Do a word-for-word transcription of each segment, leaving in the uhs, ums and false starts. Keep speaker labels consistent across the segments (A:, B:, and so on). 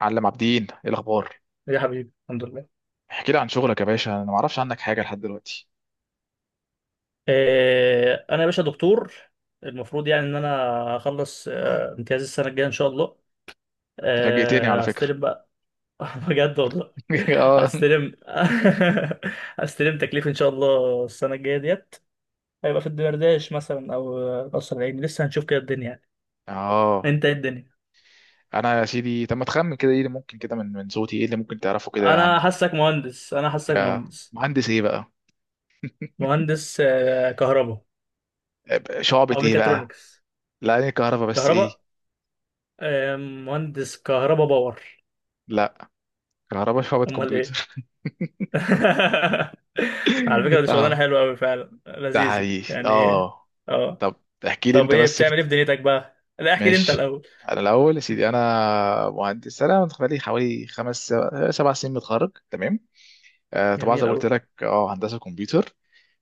A: معلم عابدين، ايه الاخبار؟
B: يا حبيبي، الحمد لله.
A: احكي لي عن شغلك يا باشا، انا ما اعرفش عنك حاجه لحد دلوقتي.
B: آه، انا يا باشا دكتور. المفروض يعني ان انا اخلص آه، امتياز السنه الجايه ان شاء الله.
A: أنت فاجئتني على
B: آه،
A: فكره.
B: هستلم بقى. بجد والله.
A: اه،
B: هستلم هستلم تكليف ان شاء الله السنه الجايه ديت، هيبقى في الدمرداش مثلا او قصر العيني، لسه هنشوف كده الدنيا يعني.
A: اه،
B: انت ايه الدنيا؟
A: انا يا سيدي طب ما تخمن كده، ايه اللي ممكن كده من من صوتي، ايه اللي ممكن تعرفه كده
B: انا
A: عندي؟
B: حاسك مهندس، انا حاسك
A: يا.
B: مهندس.
A: مهندس ايه بقى؟
B: مهندس آه، كهرباء
A: آه، شعبة
B: او
A: ايه بقى؟
B: ميكاترونكس.
A: لا، انا كهرباء بس ايه؟
B: كهرباء. آه، مهندس كهرباء باور.
A: لا، كهرباء شعبة
B: امال ايه؟
A: كمبيوتر.
B: على فكرة، دي شغلانة
A: اه.
B: حلوة أوي فعلا،
A: ده
B: لذيذة
A: حقيقي
B: يعني.
A: اه.
B: اه.
A: طب، احكي لي
B: طب
A: انت
B: ايه
A: بس
B: بتعمل ايه
A: كت...
B: في دنيتك بقى؟ لا، احكي لي انت
A: ماشي.
B: الأول.
A: انا الاول يا سيدي، انا مهندس، انا بقالي حوالي خمس سبع سبع سنين متخرج، تمام. آه، طبعا زي
B: جميل
A: ما قلت
B: أوي.
A: لك اه هندسه كمبيوتر.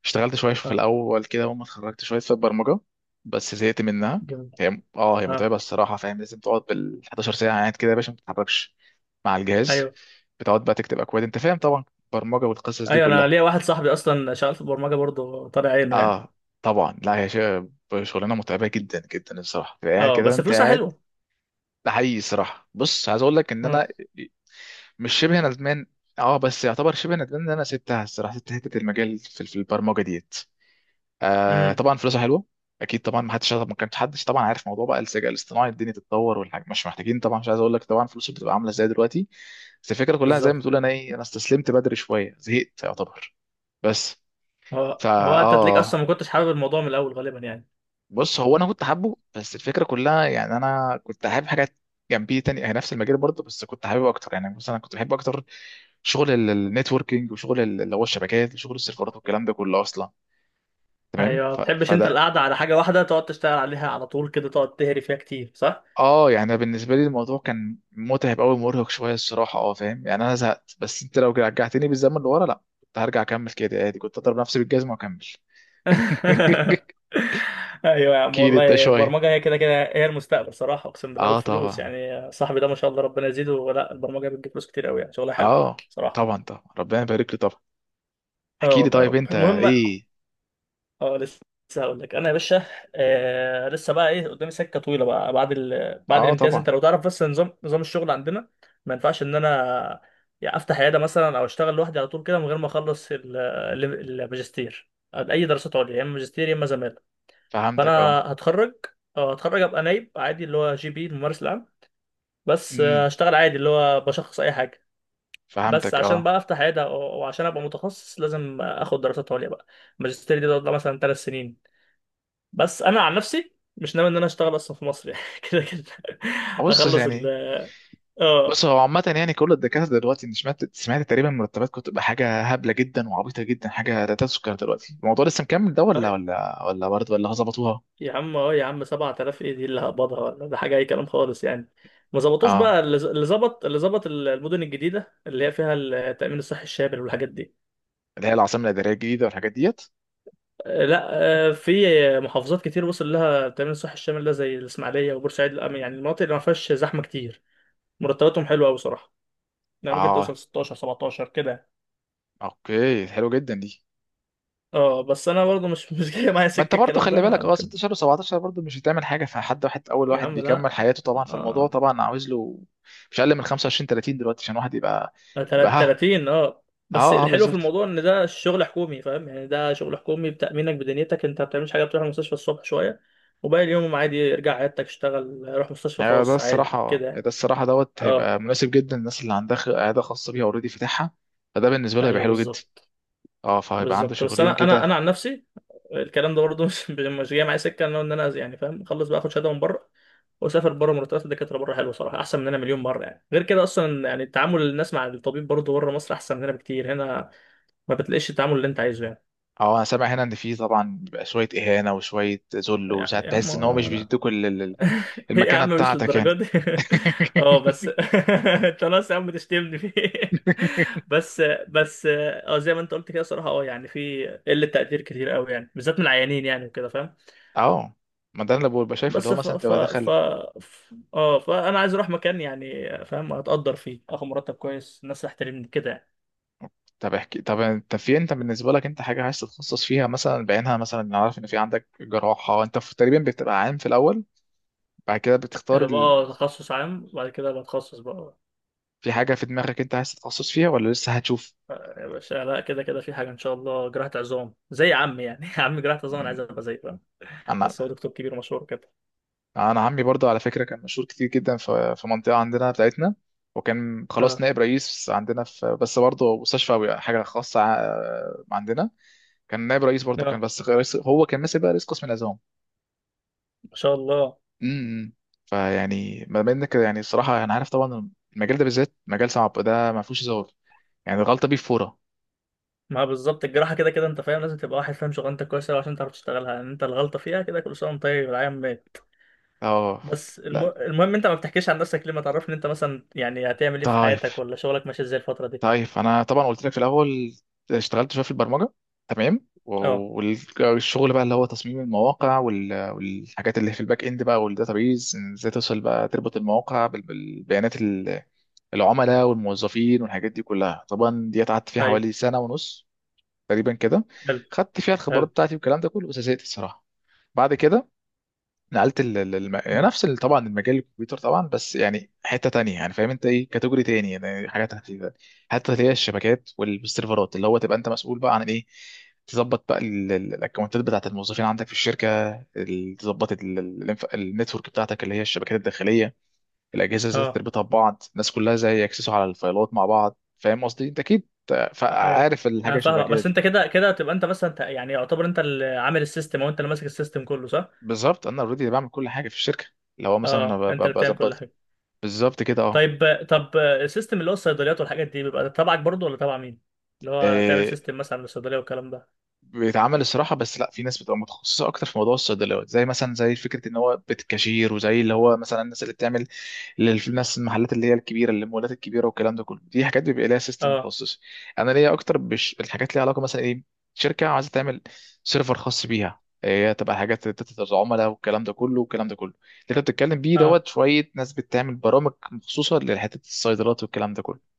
A: اشتغلت شويه في
B: اه.
A: الاول كده، اول ما اتخرجت شويه في البرمجه. بس زهقت منها.
B: جميل.
A: هي اه هي
B: اه.
A: متعبه الصراحه، فاهم؟ لازم تقعد بال حداشر ساعة ساعه قاعد كده يا باشا، ما بتتحركش مع الجهاز.
B: ايوه،
A: بتقعد بقى تكتب اكواد، انت فاهم طبعا البرمجه والقصص دي
B: ايوه، انا
A: كلها.
B: ليا واحد صاحبي اصلا شغال في البرمجة برضه، طالع عينه يعني.
A: اه طبعا، لا هي شي- شغلانه متعبه جدا جدا الصراحه، تبقى قاعد
B: اه،
A: كده
B: بس
A: انت
B: فلوسها
A: قاعد.
B: حلوة.
A: ده حقيقي الصراحه. بص، عايز اقول لك ان
B: اه.
A: انا مش شبه ندمان. اه بس يعتبر شبه ندمان ان انا سبتها الصراحه، سبت حته المجال في في البرمجه ديت. آه
B: امم.
A: طبعا فلوسها حلوه. اكيد طبعا، ما حدش ما كانش حدش طبعا عارف موضوع بقى الذكاء الاصطناعي، الدنيا تتطور والحاجه مش محتاجين، طبعا مش عايز اقول لك طبعا فلوسه بتبقى عامله ازاي دلوقتي. بس الفكره كلها زي ما
B: بالظبط.
A: بتقول، انا ايه انا استسلمت بدري شويه، زهقت يعتبر. بس.
B: هو
A: فا...
B: هو انت تلاقيك اصلا
A: اه،
B: ما كنتش حابب الموضوع من الأول غالبا يعني.
A: بص، هو انا كنت حابه بس الفكره كلها يعني انا كنت حابب حاجات جنبيه تانية هي نفس المجال برضه، بس كنت حابب اكتر يعني مثلا كنت بحب اكتر شغل النتوركينج وشغل ال- اللي هو الشبكات وشغل السيرفرات والكلام ده كله اصلا. تمام،
B: ايوه، ما
A: ف-
B: بتحبش انت
A: فده...
B: القعدة على حاجة واحدة تقعد تشتغل عليها على طول كده، تقعد تهري فيها كتير.
A: اه يعني أنا بالنسبه لي الموضوع كان متعب قوي مرهق شويه الصراحه، اه فاهم؟ يعني انا زهقت، بس انت لو رجعتني بالزمن لورا، لا كنت هرجع اكمل كده عادي، كنت اضرب نفسي بالجزمه واكمل.
B: ايوه يا عم،
A: احكي لي انت
B: والله
A: شويه.
B: البرمجه هي كده كده هي المستقبل صراحه، اقسم بالله.
A: اه
B: والفلوس
A: طبعا.
B: يعني، صاحبي ده ما شاء الله ربنا يزيده، ولا البرمجه بتجيب فلوس كتير قوي يعني، شغلها حلو
A: اه،
B: صراحه.
A: طبعا طبعا ربنا يبارك لي طبعا.
B: اه،
A: احكي لي
B: والله يا
A: طيب
B: رب.
A: انت
B: المهم،
A: ايه؟
B: اه، لسه هقول لك انا يا باشا. آه، لسه بقى ايه قدامي سكه طويله بقى. بعد ال... بعد
A: اه
B: الامتياز،
A: طبعا،
B: انت لو تعرف بس نظام نظام الشغل عندنا. ما ينفعش ان انا يعني افتح عياده مثلا او اشتغل لوحدي على طول كده من غير ما اخلص ال- ال- الماجستير، اي دراسات عليا، يا اما ماجستير يا اما زماله. فانا
A: فهمتك اه.
B: هتخرج اه هتخرج ابقى نايب عادي اللي هو جي بي، الممارس العام. بس آه،
A: امم
B: هشتغل عادي، اللي هو بشخص اي حاجه. بس
A: فهمتك
B: عشان
A: اه.
B: بقى افتح عياده او أو عشان ابقى متخصص، لازم اخد دراسات عليا بقى. الماجستير دي تقعد لها مثلا ثلاث سنين. بس انا عن نفسي مش ناوي ان انا اشتغل اصلا في مصر يعني، كده كده.
A: بص
B: اخلص ال
A: يعني بص
B: اه
A: هو عامة يعني كل الدكاترة دلوقتي، انت سمعت سمعت تقريبا مرتبات كنت بقى حاجة هبلة جدا وعبيطة جدا، حاجة لا تذكر. دلوقتي الموضوع لسه مكمل ده ولا
B: طيب.
A: ولا ولا برضه ولا ظبطوها؟
B: يا عم اه يا عم سبعة آلاف ايه دي اللي هقبضها؟ ولا ده حاجه اي كلام خالص يعني. ما ظبطوش
A: اه،
B: بقى اللي ز- اللي ظبط اللي ظبط المدن الجديده اللي هي فيها التامين الصحي الشامل والحاجات دي.
A: اللي هي العاصمة الإدارية الجديدة والحاجات ديت.
B: آه، لا. آه، في محافظات كتير وصل لها التأمين الصحي الشامل ده، زي الإسماعيلية وبورسعيد الأم- يعني المناطق اللي ما فيهاش زحمة كتير، مرتباتهم حلوة أوي صراحة. يعني ممكن
A: اه،
B: توصل ستاشر سبعتاشر كده.
A: اوكي، حلو جدا دي.
B: اه، بس أنا برضه مش مش جاي معايا
A: ما انت
B: سكة
A: برضه
B: الكلام ده،
A: خلي
B: أنا
A: بالك، اه
B: ممكن.
A: ستة عشر و17 برضه مش هتعمل حاجة فحد واحد، اول
B: يا
A: واحد
B: عم لا.
A: بيكمل حياته طبعا، فالموضوع
B: اه.
A: طبعا عاوز له مش اقل من خمسة وعشرين، تلاتين دلوقتي عشان واحد يبقى، يبقى
B: تلات-
A: ها...
B: تلاتين. اه، بس
A: اه، اه،
B: الحلو في
A: بالظبط.
B: الموضوع ان ده شغل حكومي، فاهم يعني؟ ده شغل حكومي بتأمينك بدنيتك، انت ما بتعملش حاجه، بتروح المستشفى الصبح شويه وباقي اليوم عادي، ارجع عيادتك اشتغل، روح مستشفى
A: يعني ده
B: خاص عادي
A: الصراحة
B: كده
A: ده
B: يعني.
A: الصراحة دوت هيبقى
B: اه.
A: مناسب جدا للناس اللي عندها خ- عيادة خاصة بيها اوريدي فاتحها. فده بالنسبة له هيبقى
B: ايوه
A: حلو جدا.
B: بالظبط.
A: اه، فهيبقى عنده
B: بالظبط. بس
A: شغلين
B: انا انا انا
A: كده.
B: عن نفسي الكلام ده برضه مش مش جاي معايا سكه ان انا يعني فاهم، اخلص بقى اخد شهاده من بره واسافر بره. مرتبات الدكاتره بره حلوه صراحه، احسن مننا مليون مره يعني. غير كده اصلا يعني، تعامل الناس مع الطبيب برضه بره مصر احسن مننا بكتير، هنا ما بتلاقيش التعامل اللي انت عايزه يعني.
A: اه، انا سامع هنا ان في طبعا بيبقى شوية اهانة وشوية ذل،
B: يعني
A: وساعات
B: يا عم
A: بحس ان هو مش
B: انا
A: بيدوك ال- ال- ال-
B: هي يا
A: المكانة
B: عم مش
A: بتاعتك
B: للدرجه
A: يعني.
B: دي. اه، بس انت خلاص يا عم تشتمني فيه. بس. بس اه، زي ما انت قلت كده صراحه، اه يعني في قله تقدير كتير قوي يعني، بالذات من العيانين يعني وكده فاهم.
A: اه. ما ده اللي ببقى شايفه، اللي
B: بس
A: هو
B: ف
A: مثلا
B: ف
A: تبقى
B: ف
A: دخل.
B: ف- اه فانا عايز اروح مكان يعني فاهم، اتقدر فيه، اخد مرتب كويس، الناس تحترمني كده.
A: طب احكي طب انت في انت بالنسبه لك انت حاجه عايز تتخصص فيها مثلا بعينها، مثلا انا عارف ان في عندك جراحه، انت في تقريبا بتبقى عام في الاول، بعد كده بتختار.
B: يعني ببقى اه تخصص عام، وبعد كده بتخصص بقى.
A: في حاجة في دماغك انت عايز تتخصص فيها، ولا لسه هتشوف؟
B: يا باشا لا، كده كده في حاجه ان شاء الله، جراحه عظام زي عمي يعني. عمي جراحه عظام، انا عايز
A: مم.
B: ابقى زيه فاهم.
A: انا...
B: بس هو دكتور كبير مشهور كده.
A: انا عمي برضو على فكرة كان مشهور كتير جدا في في منطقة عندنا بتاعتنا، وكان خلاص
B: اه.
A: نائب رئيس عندنا في، بس برضه مستشفى أو حاجة خاصة ع- عندنا. كان نائب رئيس برضه، كان
B: اه.
A: بس رئيس، هو كان ماسك بقى رئيس قسم العظام.
B: ما شاء الله.
A: امم فيعني ما بين كده، يعني الصراحة انا عارف طبعا المجال ده بالذات مجال صعب، ده ما فيهوش هزار. يعني الغلطة بيه فورة.
B: ما بالظبط، الجراحه كده كده انت فاهم لازم تبقى واحد فاهم شغلانتك كويس أوي عشان تعرف تشتغلها يعني، انت الغلطه فيها كده، كل سنه وانت طيب يا عم.
A: اه،
B: بس الم...
A: لا،
B: المهم، انت ما بتحكيش عن نفسك ليه؟ ما تعرفني انت مثلا يعني هتعمل ايه في
A: طيب.
B: حياتك، ولا شغلك ماشي ازاي الفترة دي.
A: طيب انا طبعا قلت لك في الاول، اشتغلت شويه في البرمجه. تمام،
B: اه.
A: والشغل بقى اللي هو تصميم المواقع وال- والحاجات اللي في الباك اند بقى، والداتابيز ازاي توصل بقى تربط المواقع بال- بالبيانات ال- العملاء والموظفين والحاجات دي كلها، طبعا دي قعدت فيها
B: ايوه.
A: حوالي سنه ونص تقريبا كده.
B: حلو،
A: خدت فيها الخبرات
B: حلو.
A: بتاعتي والكلام ده كله، بس زهقت الصراحه. بعد كده نقلت ال... ال- الم... يعني
B: مم.
A: نفس ال- طبعا المجال الكمبيوتر طبعا، بس يعني حته تانية يعني فاهم انت، ايه كاتيجوري تاني يعني، حاجات خفيفه. حتى اللي هي الشبكات والسيرفرات، اللي هو تبقى انت مسؤول بقى عن ايه، تظبط بقى ال- ال- الاكونتات بتاعت الموظفين عندك في الشركه. ال- تظبط ال- ال- الانف- النتورك بتاعتك اللي هي الشبكات الداخليه. الاجهزه ازاي
B: اه.
A: تربطها ببعض، الناس كلها ازاي يكسسوا على الفايلات مع بعض، فاهم قصدي انت اكيد
B: ايوه.
A: عارف
B: اه،
A: الحاجه شبه
B: فاهمك.
A: كده
B: بس
A: دي.
B: انت كده كده تبقى انت مثلا ت- يعني يعتبر انت اللي عامل السيستم، او انت اللي ماسك السيستم كله، صح؟
A: بالظبط انا اوريدي بعمل كل حاجه في الشركه، اللي هو مثلا أنا
B: اه،
A: ب-
B: انت
A: ب-
B: اللي بتعمل كل
A: بظبط...
B: حاجة.
A: بالظبط كده اه.
B: طيب طب السيستم اللي هو الصيدليات والحاجات دي بيبقى تبعك برضو ولا تبع مين؟ اللي هو تعمل
A: آه،
B: سيستم مثلا للصيدلية والكلام ده.
A: بيتعمل الصراحه، بس لا في ناس بتبقى متخصصه اكتر في موضوع الصيدليات، زي مثلا زي فكره ان هو بيت كاشير، وزي اللي هو مثلا الناس اللي بتعمل، الناس المحلات اللي هي الكبيره، اللي المولات الكبيره والكلام ده كله، دي حاجات بيبقى ليها سيستم
B: اه.
A: متخصص. انا ليا اكتر بش... الحاجات ليها علاقه مثلا ايه، شركه عايزه تعمل سيرفر خاص بيها، آه، هي تبقى حاجات داتا العملاء والكلام ده كله والكلام ده كله اللي انت بتتكلم بيه
B: اه،
A: دوت، شويه ناس بتعمل برامج مخصوصه لحته الصيدلات والكلام ده كله.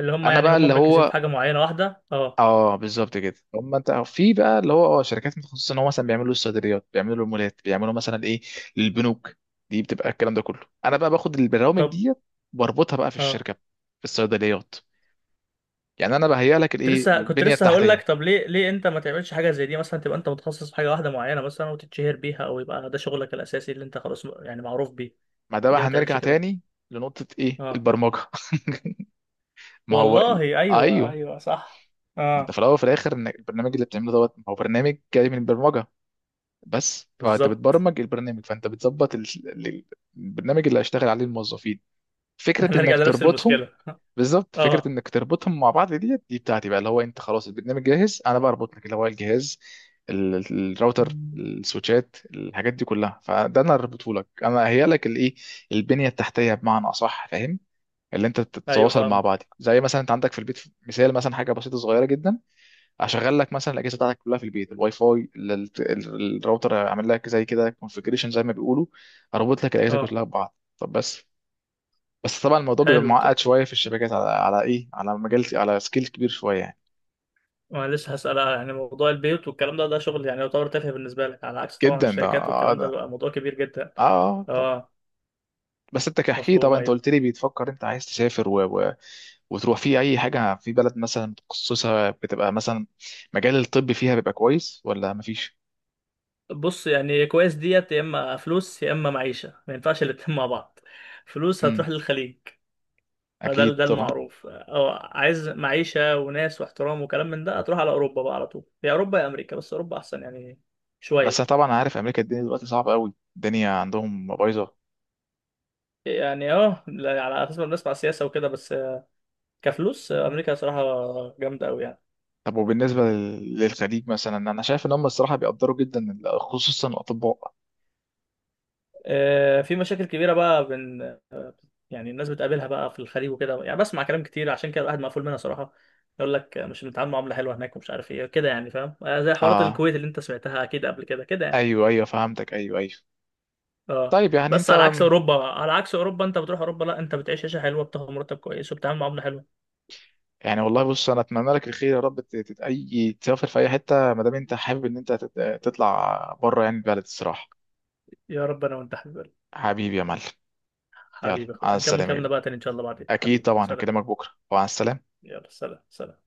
B: اللي هم
A: انا
B: يعني
A: بقى
B: هم
A: اللي
B: مركزين في
A: هو،
B: حاجة معينة واحدة. اه.
A: اه بالظبط كده هم، انت في بقى اللي هو اه شركات متخصصه ان هو مثلا بيعملوا الصيدليات، بيعملوا المولات، بيعملوا مثلا ايه للبنوك. دي بتبقى الكلام ده كله، انا بقى باخد البرامج
B: طب.
A: ديت واربطها بقى في
B: اه،
A: الشركه، في الصيدليات. يعني انا بهيئ لك
B: كنت
A: الايه
B: لسه كنت
A: البنيه
B: لسه هقول
A: التحتيه.
B: لك، طب ليه ليه انت ما تعملش حاجه زي دي مثلا، تبقى انت متخصص في حاجه واحده معينه مثلا وتتشهر بيها، او يبقى ده شغلك الاساسي اللي انت خلاص م- يعني معروف بيه.
A: ما ده بقى
B: ليه ما تعملش
A: هنرجع
B: كده؟
A: تاني لنقطه ايه
B: اه.
A: البرمجه. ما هو
B: والله
A: ال...
B: ايوه،
A: ايوه،
B: ايوه صح.
A: ما انت في
B: اه
A: الاول وفي الاخر ان البرنامج اللي بتعمله دوت ما هو برنامج جاي من البرمجه. بس فانت
B: بالظبط.
A: بتبرمج البرنامج، فانت بتظبط ال... ال- البرنامج اللي هيشتغل عليه الموظفين، فكره
B: هنرجع
A: انك
B: لنفس
A: تربطهم.
B: المشكله.
A: بالظبط، فكره
B: اه.
A: انك تربطهم مع بعض دي دي بتاعتي بقى، اللي هو انت خلاص البرنامج جاهز، انا بقى اربط لك اللي هو الجهاز، ال- ال- الراوتر، السويتشات، الحاجات دي كلها، فده انا اربطه لك، انا اهيئ لك الايه البنيه التحتيه بمعنى اصح، فاهم. اللي انت
B: ايوه
A: تتواصل مع بعض،
B: فاهمك.
A: زي مثلا انت عندك في البيت مثال، مثلا حاجه بسيطه صغيره جدا، اشغل لك مثلا الاجهزه بتاعتك كلها في البيت، الواي فاي، ال- ال- ال- الراوتر، اعمل لك زي كده كونفجريشن زي ما بيقولوا، اربط لك الاجهزه
B: اه
A: كلها ببعض. طب بس، بس طبعا الموضوع بيبقى
B: حلو. ط-
A: معقد شويه في الشبكات، على على ايه، على مجال، على سكيل كبير شويه يعني.
B: ما أنا لسه هسأل يعني، موضوع البيوت والكلام ده، ده شغل يعني يعتبر تافه بالنسبه لك، على عكس طبعا
A: جدا ده،
B: الشركات
A: اه،
B: والكلام ده
A: ده،
B: بيبقى موضوع كبير جدا.
A: اه آه، طبعا.
B: اه.
A: بس انت كحكي
B: مفهوم
A: طبعا، انت
B: أيوه.
A: قلت لي بتفكر انت عايز تسافر و... و... وتروح في اي حاجه في بلد مثلا متخصصه بتبقى مثلا مجال الطب فيها بيبقى كويس ولا مفيش؟
B: بص يعني كويس ديت، يا اما فلوس يا اما معيشه، ما ينفعش الاتنين مع بعض. فلوس
A: امم
B: هتروح للخليج، فده
A: اكيد
B: ده
A: طبعا.
B: المعروف. او عايز معيشه وناس واحترام وكلام من ده، هتروح على اوروبا بقى على طول، يا اوروبا يا امريكا، بس اوروبا احسن يعني
A: بس
B: شويه.
A: طبعا، عارف امريكا الدنيا دلوقتي صعبه قوي، الدنيا عندهم بايظه.
B: يعني اه، لا- على اساس ما بنسمع سياسه وكده بس، كفلوس امريكا صراحه جامده قوي يعني.
A: طب وبالنسبه لل- للخليج، مثلا انا شايف ان هم الصراحه بيقدروا جدا ال- خصوصا الاطباء.
B: آه، في مشاكل كبيره بقى بين آه، يعني الناس بتقابلها بقى في الخليج وكده يعني، بسمع كلام كتير، عشان كده الواحد مقفول منها صراحه. يقول لك آه، مش بنتعامل معامله حلوه هناك، ومش عارف ايه كده يعني فاهم، آه، زي حوارات
A: اه،
B: الكويت اللي انت سمعتها اكيد قبل كده كده يعني.
A: ايوه، ايوه، فهمتك، ايوه، ايوه.
B: اه،
A: طيب يعني
B: بس
A: انت...
B: على عكس اوروبا على عكس اوروبا، انت بتروح اوروبا لا، انت بتعيش عيشه حلوه، بتاخد مرتب كويس، وبتتعامل معامله حلوه.
A: يعني والله، بص، انا اتمنى لك الخير يا رب ت- تت- اي تسافر في اي حته ما دام انت حابب ان انت تت- تطلع بره يعني البلد الصراحه.
B: يا رب، انا وانت حبيبي.
A: حبيبي يا معلم. يلا،
B: حبيبي اخويا،
A: على
B: هنكمل
A: السلامه يا
B: كلامنا
A: جميل.
B: بقى تاني ان شاء الله بعدين
A: اكيد
B: حبيبي،
A: طبعا،
B: سلام.
A: هكلمك بكره وعلى السلامه.
B: يلا سلام سلام.